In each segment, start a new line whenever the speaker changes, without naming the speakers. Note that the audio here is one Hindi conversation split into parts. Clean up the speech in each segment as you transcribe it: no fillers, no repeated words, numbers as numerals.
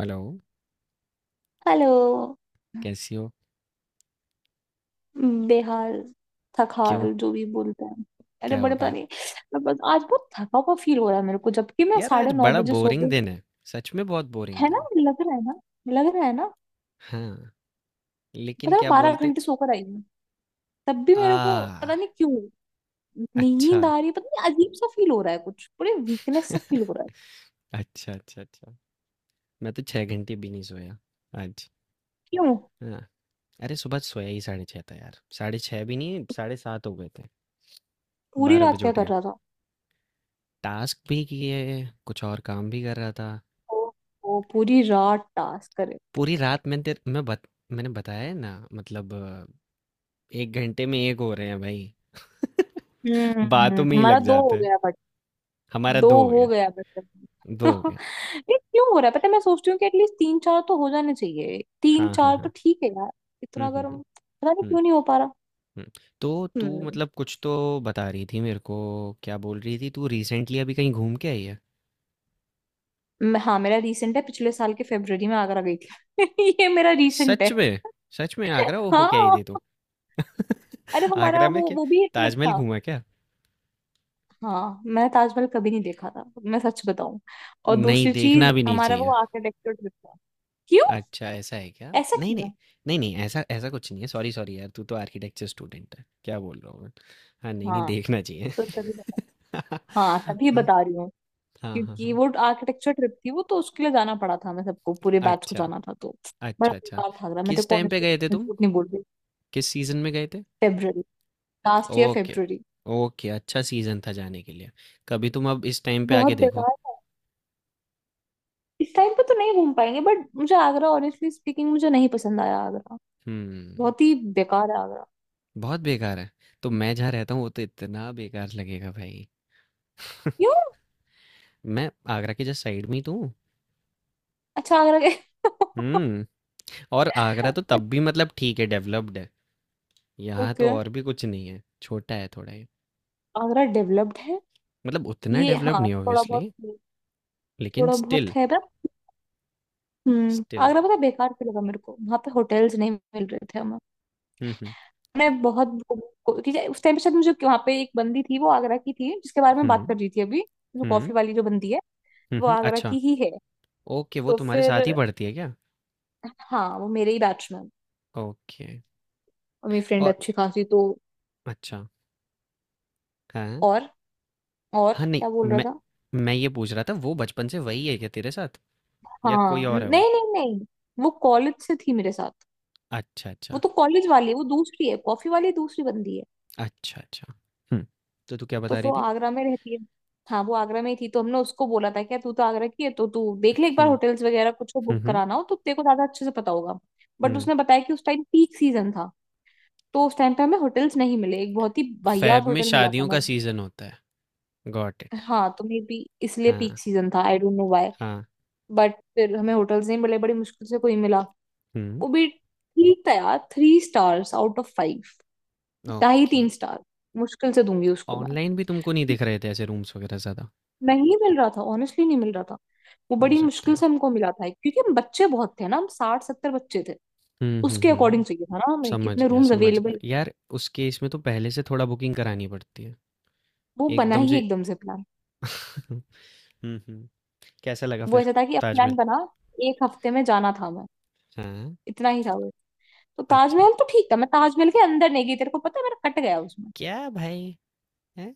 Hello
hello.
कैसी हो?
बेहाल।
क्यों?
थकाल जो भी बोलते हैं। अरे
क्या हो
बड़े पता
गया?
नहीं। मैं बस आज बहुत थका हुआ फील हो रहा है मेरे को, जबकि मैं
यार आज
साढ़े नौ
बड़ा
बजे सो
बोरिंग
गई।
दिन है। सच में बहुत बोरिंग
है ना?
दिन
लग रहा है ना? लग रहा है ना?
है। हाँ लेकिन
पता है,
क्या
बारह
बोलते?
घंटे सोकर आई हूँ। तब भी मेरे को पता
आ
नहीं क्यों
अच्छा।
नींद आ रही है, पता नहीं अजीब सा फील हो रहा है, कुछ पूरे वीकनेस सा फील हो रहा है।
अच्छा अच्छा अच्छा। मैं तो छह घंटे भी नहीं सोया आज।
क्यों
हाँ अरे सुबह सोया ही साढ़े छः था यार, साढ़े छः भी नहीं साढ़े सात हो गए थे।
पूरी
बारह
रात
बजे
क्या
उठ
कर
गया।
रहा था?
टास्क भी किए, कुछ और काम भी कर रहा था।
ओ, ओ पूरी रात टास्क करे।
पूरी रात। मैंने तेरे मैं बत, मैंने बताया है ना, मतलब एक घंटे में एक हो रहे हैं भाई। बातों
हम्म।
में ही
हमारा
लग
दो
जाते
हो
हैं।
गया।
हमारा
दो
2 हो
हो
गया।
गया मतलब।
2 हो गया।
ये क्यों हो रहा है, पता है मैं सोचती हूँ कि एटलीस्ट तीन चार तो हो जाने चाहिए, तीन
हाँ, हाँ,
चार तो
हाँ।
ठीक है यार।
हुँ,
इतना
हुँ,
गर्म
हुँ।
पता नहीं
हुँ,
क्यों नहीं हो पा रहा।
हुँ। तो तू
हम्म।
मतलब कुछ तो बता रही थी मेरे को, क्या बोल रही थी तू? रिसेंटली अभी कहीं घूम के आई है?
हाँ मेरा रीसेंट है, पिछले साल के फरवरी में आगरा गई थी। ये मेरा रीसेंट है।
सच में? सच में आगरा ओ हो के आई
हाँ।
थी तू?
अरे वो हमारा
आगरा में
वो
क्या
वो भी एक ट्रिप
ताजमहल
था।
घूमा क्या?
हाँ, मैं ताजमहल कभी नहीं देखा था, मैं सच बताऊं। और
नहीं,
दूसरी
देखना
चीज
भी नहीं
हमारा
चाहिए।
वो आर्किटेक्चर ट्रिप था। क्यों?
अच्छा, ऐसा है क्या?
ऐसा
नहीं, नहीं।
क्यों?
नहीं, नहीं ऐसा ऐसा कुछ नहीं है। सॉरी, सॉरी यार तू तो आर्किटेक्चर स्टूडेंट है। क्या बोल रहा हूँ मैं। हाँ, नहीं, नहीं
हाँ
देखना चाहिए।
तो तभी बता। हाँ तभी बता रही।
हाँ, हाँ,
क्योंकि
हाँ।
वो आर्किटेक्चर ट्रिप थी, वो तो उसके लिए जाना पड़ा था हमें, सबको पूरे बैच को
अच्छा।
जाना था तो। बड़ा
अच्छा अच्छा।
बेकार था रहा, मैं तेरे
किस
को
टाइम पे
ऑनेस्टली
गए
बता,
थे
मैं
तुम?
झूठ नहीं बोल रही।
किस सीजन में गए थे?
February. Last year
okay.
February.
Okay अच्छा सीजन था जाने के लिए। कभी तुम अब इस टाइम पे आके
बहुत
देखो।
बेकार था। इस टाइम पे तो नहीं घूम पाएंगे, बट मुझे आगरा, ऑनेस्टली स्पीकिंग, मुझे नहीं पसंद आया आगरा।
हम्म।
बहुत ही बेकार है आगरा।
बहुत बेकार है। तो मैं जहाँ रहता हूँ वो तो इतना बेकार लगेगा भाई।
क्यों?
मैं आगरा के जस्ट साइड में ही तो हूँ।
अच्छा आगरा गए।
हम्म। और आगरा तो तब भी मतलब ठीक है, डेवलप्ड है। यहाँ
ओके।
तो और भी कुछ नहीं है, छोटा है थोड़ा ही।
आगरा डेवलप्ड है?
मतलब उतना
ये
डेवलप
हाँ
नहीं
थोड़ा बहुत।
ऑब्वियसली। लेकिन
थोड़ा बहुत
स्टिल।
है पर। Hmm,
still.
आगरा पता है बेकार क्यों लगा मेरे को, वहां पे होटल्स नहीं मिल रहे थे।
हम्म।
मैं बहुत कि उस टाइम पे शायद मुझे वहां पे एक बंदी थी, वो आगरा की थी, जिसके बारे में
हम्म
बात कर रही थी अभी। जो
हम्म।
कॉफी वाली जो बंदी है, वो आगरा
अच्छा।
की ही है।
ओके, वो
तो
तुम्हारे
फिर।
साथ ही पढ़ती है क्या?
हाँ वो मेरे ही बैच में है।
ओके।
और मेरी फ्रेंड
और।
अच्छी खासी तो।
अच्छा, हाँ।
और। और
हाँ, नहीं
क्या बोल रहा
मैं,
था?
मैं ये पूछ रहा था वो बचपन से वही है क्या तेरे साथ या कोई
हाँ
और है वो?
नहीं नहीं नहीं। वो कॉलेज से थी मेरे साथ।
अच्छा,
वो
अच्छा।
तो कॉलेज वाली है, वो दूसरी है, कॉफी वाली दूसरी बंदी है।
अच्छा, अच्छा। हुँ, तो तू क्या
तो
बता रही
वो
थी?
आगरा में रहती है। हाँ वो आगरा में ही थी, तो हमने उसको बोला था क्या तू तो आगरा की है तो तू देख ले एक बार,
हुँ,
होटल्स वगैरह कुछ को
हुँ,
बुक
हुँ,
कराना हो तो तेरे को ज्यादा अच्छे से पता होगा। बट
हुँ।
उसने बताया कि उस टाइम पीक सीजन था। तो उस टाइम पे हमें होटल्स नहीं मिले, एक बहुत ही वाहियात
फ़ेब में
होटल मिला था
शादियों का
हमें।
सीज़न होता है। Got it.
हाँ तो मे बी इसलिए
हाँ,
पीक सीजन था, आई डोंट नो व्हाई।
हाँ।
बट फिर हमें होटल्स नहीं मिले, बड़ी मुश्किल से कोई मिला।
हुँ,
वो भी ठीक था यार, three stars out of five. ढाई
ओके।
तीन स्टार मुश्किल से दूंगी उसको मैं।
ऑनलाइन भी तुमको नहीं दिख रहे थे ऐसे रूम्स वगैरह ज़्यादा?
नहीं मिल रहा था ऑनेस्टली, नहीं मिल रहा था। वो
हो
बड़ी
सकता
मुश्किल
है।
से हमको मिला था, क्योंकि हम बच्चे बहुत थे ना, हम 60-70 बच्चे थे।
हुँ, हुँ,
उसके
हुँ।
अकॉर्डिंग चाहिए था ना हमें,
समझ
कितने
गया,
रूम्स
समझ गया।
अवेलेबल।
यार उसके इसमें तो पहले से थोड़ा बुकिंग करानी पड़ती है।
वो बना
एकदम
ही
से।
एकदम से प्लान।
हुँ, हुँ। कैसा लगा
वो
फिर
ऐसा था कि अब प्लान
ताजमहल?
बना, एक हफ्ते में जाना था हमें,
हाँ,
इतना ही था वो। तो
अच्छा।
ताजमहल तो ठीक था, मैं ताजमहल के अंदर नहीं गई, तेरे को पता है मेरा कट गया उसमें।
क्या भाई! हैं?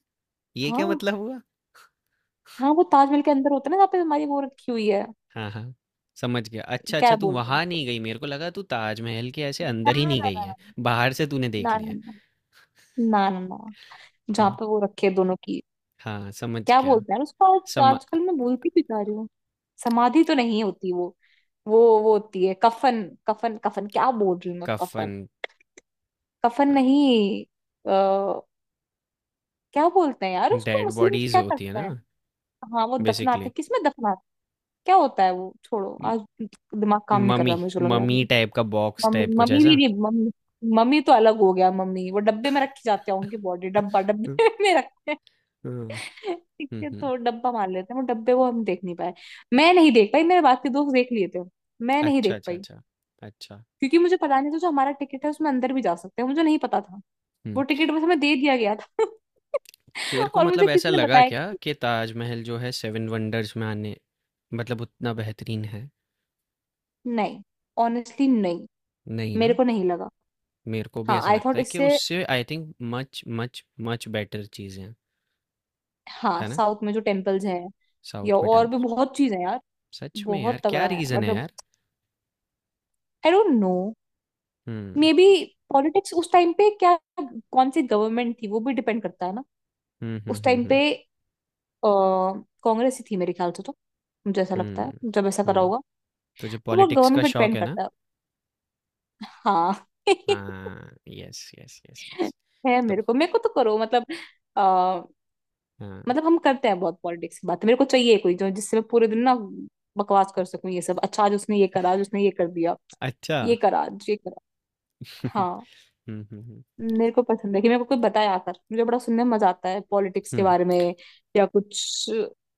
ये क्या
हाँ।
मतलब हुआ?
हाँ वो ताजमहल के अंदर होता है ना, जहाँ पे हमारी वो रखी हुई है।
हाँ, हाँ, समझ गया। अच्छा,
क्या
अच्छा तू
बोलते हैं
वहाँ
उसको?
नहीं गई, मेरे को लगा तू ताजमहल के ऐसे
ना।
अंदर ही नहीं
ना।
गई है, बाहर से तूने देख
ना
लिया
ना
है।
ना ना। ना ना, ना, ना, जहाँ
हुँ,
पे वो रखे दोनों की।
हाँ, समझ
क्या
गया।
बोलते हैं उसको, आज
समा
आजकल मैं भूलती भी जा रही हूँ। समाधि तो नहीं होती वो। वो होती है कफन। कफन कफन क्या बोल रही हूँ मैं, कफन।
कफ़न।
कफन
अ,
नहीं। आ, क्या बोलते हैं यार उसको,
डेड
मुस्लिम्स
बॉडीज़
क्या
होती है
करते हैं?
ना
हाँ वो दफनाते,
बेसिकली।
किसमें दफनाते, क्या होता है वो, छोड़ो
म
आज। दिमाग काम नहीं कर
मम्मी।
रहा, मुझे लग रहा है
मम्मी
मेरा।
टाइप का बॉक्स
मम्मी।
टाइप कुछ
मम्मी भी
ऐसा?
नहीं मम्मी। मम्मी तो अलग हो गया, मम्मी वो डब्बे में रखी जाते होंगे, बॉडी डब्बा
हुँ,
डब्बे में रख।
हुँ,
ठीक
हुँ,
है
हुँ।
तो डब्बा मान लेते हैं, वो डब्बे को हम देख नहीं पाए। मैं नहीं देख पाई, मेरे बाकी दोस्त देख लिए थे। मैं नहीं
अच्छा,
देख
अच्छा,
पाई।
अच्छा। अच्छा,
क्योंकि मुझे पता नहीं था जो हमारा टिकट है उसमें अंदर भी जा सकते हैं, मुझे नहीं पता था। वो
हुँ।
टिकट बस हमें दे दिया गया था।
तेरे को
और
मतलब
मुझे
ऐसा
किसी ने
लगा
बताया
क्या
कि
कि ताजमहल जो है सेवन वंडर्स में आने मतलब उतना बेहतरीन है?
नहीं। ऑनेस्टली नहीं।
नहीं
मेरे
ना।
को नहीं लगा।
मेरे को भी
हाँ
ऐसा
आई
लगता
थॉट
है कि
इससे।
उससे I think much much much better चीज़ें हैं।
हाँ
है ना?
साउथ में जो टेम्पल्स हैं,
साउथ
या
में
और भी
टेम्पल।
बहुत चीज है यार।
सच में
बहुत
यार क्या
तगड़ा है
रीज़न है
मतलब।
यार।
I don't know.
Hmm
maybe politics, उस टाइम पे क्या कौन सी गवर्नमेंट थी, वो भी डिपेंड करता है ना। उस
हम्म।
टाइम पे कांग्रेस ही थी मेरे ख्याल से तो। मुझे ऐसा लगता
हम्म
है जब ऐसा करा
हम्म।
होगा।
तुझे
तो वो
पॉलिटिक्स का
गवर्नमेंट पे
शौक
डिपेंड
है ना?
करता है। हाँ।
हाँ यस यस यस यस।
है,
तो।
मेरे को तो करो मतलब। आ,
हाँ।
मतलब हम करते हैं बहुत पॉलिटिक्स की बात। मेरे को चाहिए कोई जो जिससे मैं पूरे दिन ना बकवास कर सकूं, ये सब अच्छा आज उसने ये करा, आज उसने ये कर दिया,
अच्छा।
ये करा, आज ये करा।
हम्म
हाँ।
हम्म हम्म
मेरे को पसंद है कि मेरे को कोई बताए आकर, मुझे बड़ा सुनने में मजा आता है पॉलिटिक्स के
हम्म।
बारे में। या कुछ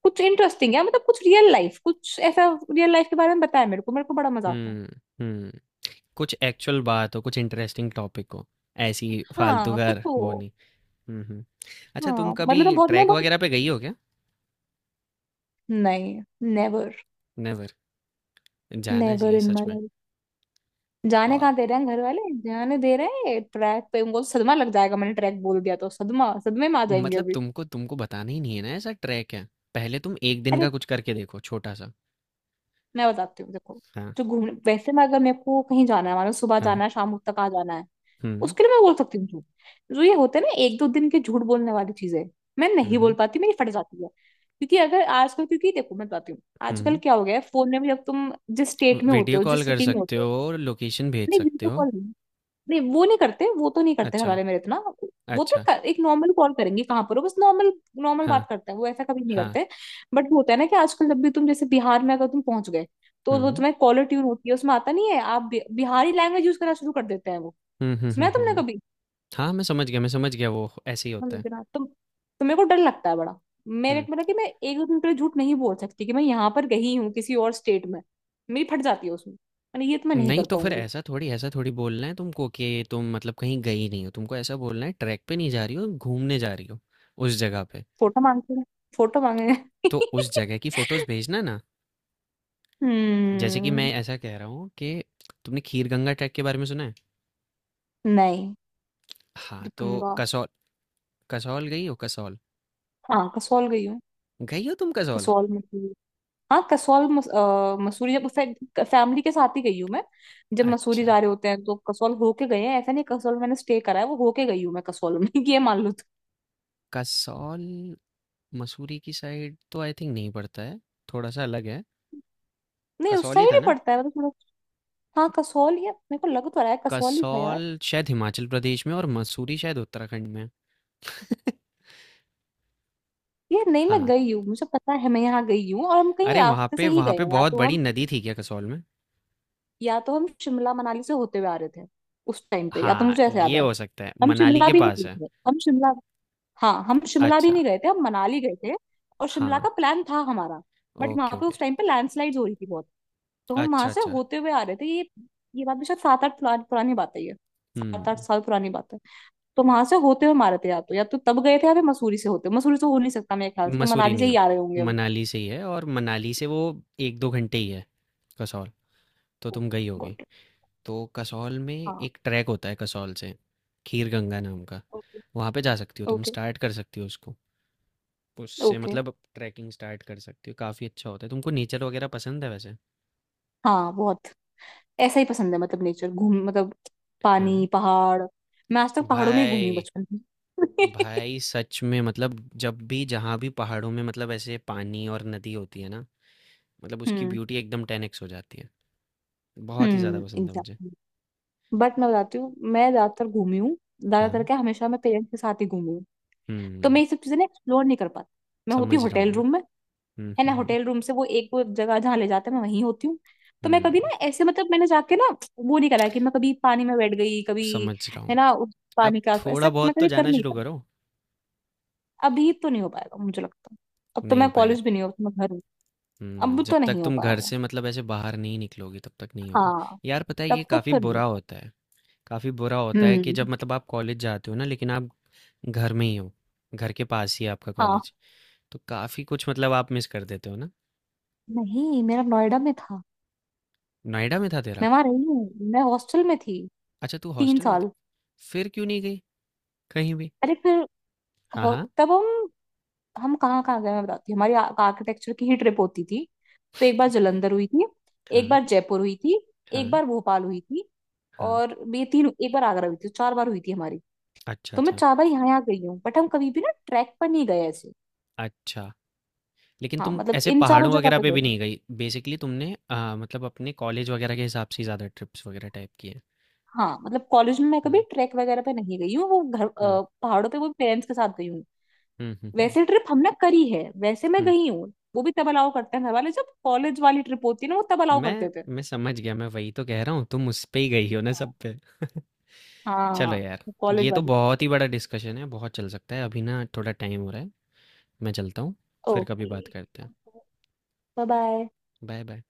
कुछ इंटरेस्टिंग है, मतलब कुछ रियल लाइफ, कुछ ऐसा रियल लाइफ के बारे में बताया मेरे को, मेरे को बड़ा मजा आता है।
हम्म हम्म। कुछ एक्चुअल बात हो, कुछ इंटरेस्टिंग टॉपिक हो, ऐसी। फालतू
हाँ
का
कुछ
वो
हो।
नहीं। हम्म हम्म। अच्छा तुम
हाँ
कभी
मतलब मैं बहुत मैं
ट्रैक
बहुत
वगैरह पे गई हो क्या?
नहीं। नेवर।
नेवर। जाना
नेवर
चाहिए
इन
सच
माय
में।
लाइफ। जाने
और
कहाँ दे रहे हैं घर वाले। जाने दे रहे हैं ट्रैक पे, उनको सदमा लग जाएगा, मैंने ट्रैक बोल दिया तो सदमा, सदमे में आ जाएंगे
मतलब
अभी।
तुमको, तुमको बताना ही नहीं है ना ऐसा ट्रैक है। पहले तुम एक दिन
अरे
का कुछ करके देखो छोटा सा।
मैं बताती हूँ देखो,
हाँ।
जो घूमने वैसे मैं अगर मेरे को कहीं जाना है, मानो सुबह
हाँ।
जाना है शाम तक आ जाना है,
हम्म।
उसके लिए मैं बोल सकती हूँ झूठ। जो ये होते हैं ना एक दो दिन के झूठ बोलने वाली चीजें, मैं नहीं बोल
हम्म
पाती, मेरी फट जाती है, क्योंकि अगर आजकल, क्योंकि देखो मैं बताती हूँ। आजकल
हम्म।
क्या हो गया है फोन में भी, अब तुम जिस स्टेट में होते
वीडियो
हो,
कॉल
जिस
कर
सिटी में
सकते
होते हो।
हो और लोकेशन भेज
नहीं
सकते
वीडियो
हो।
कॉल नहीं। नहीं वो नहीं करते, वो तो नहीं करते घर
अच्छा
वाले मेरे इतना।
अच्छा।
एक नॉर्मल कॉल करेंगे कहाँ पर हो, बस नॉर्मल। नॉर्मल
हाँ
बात करते हैं, वो ऐसा कभी नहीं
हाँ।
करते। बट वो होता है ना कि आजकल जब भी तुम, जैसे बिहार में अगर तुम पहुंच गए, तो वो
हम्म
तुम्हें कॉलर ट्यून होती है उसमें, आता नहीं है, आप बिहारी लैंग्वेज यूज करना शुरू कर देते हैं वो।
हम्म हम्म
सुना
हम्म
है तुमने
हम्म।
कभी?
हाँ मैं समझ गया, मैं समझ गया, वो ऐसे ही होता है।
समझना तुम तो। तो मेरे को डर लगता है बड़ा। मैंने
हम्म।
मतलब कि मैं एक दो दिन के लिए झूठ नहीं बोल सकती कि मैं यहाँ पर गई हूँ, किसी और स्टेट में। मेरी फट जाती है उसमें, मैंने ये तो, मैं नहीं
नहीं
कर
तो फिर
पाऊंगी।
ऐसा थोड़ी, ऐसा थोड़ी बोलना है तुमको कि तुम मतलब कहीं गई नहीं हो। तुमको ऐसा बोलना है ट्रैक पे नहीं जा रही हो, घूमने जा रही हो उस जगह पे।
फोटो मांगते हैं। फोटो मांगे हैं।
तो उस जगह की फोटोज भेजना ना। जैसे कि मैं
हम्म।
ऐसा कह रहा हूँ कि तुमने खीर गंगा ट्रैक के बारे में सुना है?
नहीं।
हाँ तो
गंगा।
कसौल। कसौल गई हो कसौल?
हाँ कसौल गई हूँ।
गई हो तुम कसौल?
कसौल मसूरी। हाँ कसौल मसूरी जब फैमिली के साथ ही गई हूँ मैं। जब मसूरी
अच्छा
जा रहे होते हैं तो कसौल होके गए हैं, ऐसा नहीं, कसौल मैंने स्टे करा है, वो होके गई हूँ मैं कसौल में। ये मान लो तुम।
कसौल। मसूरी की साइड तो आई थिंक नहीं पड़ता है, थोड़ा सा अलग है।
नहीं उस
कसौल ही
साइड
था
ही
ना?
पड़ता है मतलब। हाँ कसौल, या मेरे को लग तो रहा है कसौल ही था यार।
कसौल शायद हिमाचल प्रदेश में और मसूरी शायद उत्तराखंड में है।
ये नहीं, मैं
हाँ
गई हूँ मुझे पता है मैं यहाँ गई हूँ, और हम कहीं
अरे वहाँ
रास्ते से
पे,
ही
वहाँ
गए
पे
हैं, या
बहुत
तो
बड़ी
हम
नदी थी क्या कसौल में?
या तो हम शिमला मनाली से होते हुए आ रहे थे उस टाइम पे, या तो
हाँ,
मुझे ऐसे याद
ये
है।
हो सकता है,
हम
मनाली
शिमला
के
भी नहीं
पास है।
गए थे, हम शिमला हाँ हम शिमला भी
अच्छा,
नहीं गए थे, हम मनाली गए थे। और शिमला
हाँ,
का प्लान था हमारा। बट
ओके,
वहां पे
ओके।
उस टाइम पे लैंडस्लाइड हो रही थी बहुत। तो हम वहां
अच्छा,
से
अच्छा।
होते हुए आ रहे थे ये। ये बात भी शायद सात आठ पुरानी पुरानी बात है ये। सात आठ
हुँ,
साल पुरानी बात है। तो वहां से होते हुए मारे थे, या तो तब गए थे, या फिर मसूरी से होते, मसूरी से हो नहीं सकता मेरे ख्याल से, तो
मसूरी
मनाली से
नहीं
ही
है,
आ रहे होंगे हम।
मनाली से ही है और मनाली से वो 1-2 घंटे ही है, कसौल, तो तुम गई होगी।
Got it.
तो कसौल में
हाँ।
एक ट्रैक होता है कसौल से, खीर गंगा नाम का,
ओके।
वहाँ पे जा सकती हो तुम,
ओके।
स्टार्ट कर सकती हो उसको। उससे
ओके।
मतलब ट्रैकिंग स्टार्ट कर सकती हो, काफ़ी अच्छा होता है। तुमको नेचर वगैरह पसंद है वैसे?
हाँ बहुत। ऐसा ही पसंद है मतलब नेचर, घूम मतलब
हाँ।
पानी पहाड़। मैं आज तक पहाड़ों में ही घूमी
भाई।
बचपन में।
भाई सच में मतलब जब भी जहाँ भी पहाड़ों में मतलब ऐसे पानी और नदी होती है ना, मतलब उसकी
हम्म।
ब्यूटी एकदम टेन एक्स हो जाती है। बहुत ही ज़्यादा पसंद है मुझे।
एग्जैक्टली। बट मैं बताती हूँ मैं ज्यादातर घूमी हूँ, ज्यादातर
हाँ।
क्या हमेशा मैं पेरेंट्स के साथ ही घूमी। तो
हम्म।
मैं ये सब चीजें ना एक्सप्लोर नहीं कर पाती, मैं होती हूँ
समझ रहा हूँ
होटल
मैं।
रूम में।
हम्म
है ना,
हम्म हम्म
होटल रूम से वो एक वो जगह जहाँ ले जाते हैं मैं वहीं होती हूँ। तो मैं कभी ना
हम्म,
ऐसे, मतलब मैंने जाके ना वो नहीं करा कि मैं कभी पानी में बैठ गई कभी।
समझ रहा
है
हूँ।
ना उस
अब
पानी का,
थोड़ा
ऐसा मैं
बहुत तो
कभी कर
जाना
नहीं
शुरू
पाई।
करो।
अभी तो नहीं हो पाएगा मुझे लगता है। अब तो
नहीं हो
मैं
पाएगा।
कॉलेज भी नहीं हूँ, अब तो मैं घर हूँ। अब
जब
तो
तक
नहीं हो
तुम घर
पाएगा।
से मतलब ऐसे बाहर नहीं निकलोगी तब तक नहीं होगा।
हाँ
यार पता है ये
तब तक
काफ़ी
तो नहीं हो
बुरा
पाएगा।
होता है। काफ़ी बुरा होता है कि जब
हम्म।
मतलब आप कॉलेज जाते हो ना लेकिन आप घर में ही हो, घर के पास ही है आपका
हाँ
कॉलेज। तो काफ़ी कुछ मतलब आप मिस कर देते हो ना?
नहीं मेरा नोएडा में था।
नोएडा में था तेरा?
मैं वहां रही हूँ, मैं हॉस्टल में थी।
अच्छा तू
तीन
हॉस्टल में थी?
साल
फिर क्यों नहीं गई कहीं भी?
अरे फिर।
हाँ, हाँ।
तब हम कहाँ कहाँ गए मैं बताती हूँ, हमारी आर्किटेक्चर की ही ट्रिप होती थी। तो एक बार जलंधर हुई थी, एक
हाँ,
बार जयपुर हुई थी,
हाँ,
एक बार भोपाल हुई थी,
हाँ।
और ये तीन, एक बार आगरा हुई थी, तो 4 बार हुई थी हमारी।
अच्छा,
तो मैं
अच्छा।
4 बार यहाँ यहाँ गई हूँ, बट हम कभी भी ना ट्रैक पर नहीं गए ऐसे।
अच्छा, लेकिन
हाँ
तुम
मतलब
ऐसे
इन चारों
पहाड़ों
जगह
वगैरह
पे
पे
गए
भी
हैं।
नहीं गई? बेसिकली तुमने मतलब अपने कॉलेज वगैरह के हिसाब से ही ज़्यादा ट्रिप्स वगैरह टाइप की हैं।
हाँ मतलब कॉलेज में मैं कभी
हुँ,
ट्रैक वगैरह पे नहीं गई हूँ, वो घर
हुँ।
पहाड़ों पे वो पेरेंट्स के साथ गई हूँ।
हुँ, हुँ, हुँ,
वैसे ट्रिप हमने करी है, वैसे मैं
हुँ।
गई हूँ, वो भी तब अलाउ करते हैं घर वाले जब कॉलेज वाली ट्रिप होती है ना, वो तब अलाउ
मैं
करते थे।
मैं समझ गया, मैं वही तो कह रहा हूँ, तुम उस पे ही गई हो ना
हाँ।
सब पे।
हाँ हाँ,
चलो यार,
हाँ।
ये
कॉलेज
तो
वाली।
बहुत ही बड़ा डिस्कशन है, बहुत चल सकता है। अभी ना थोड़ा टाइम हो रहा है, मैं चलता हूँ। फिर कभी
ओके।
बात करते हैं।
Bye bye.
Bye bye.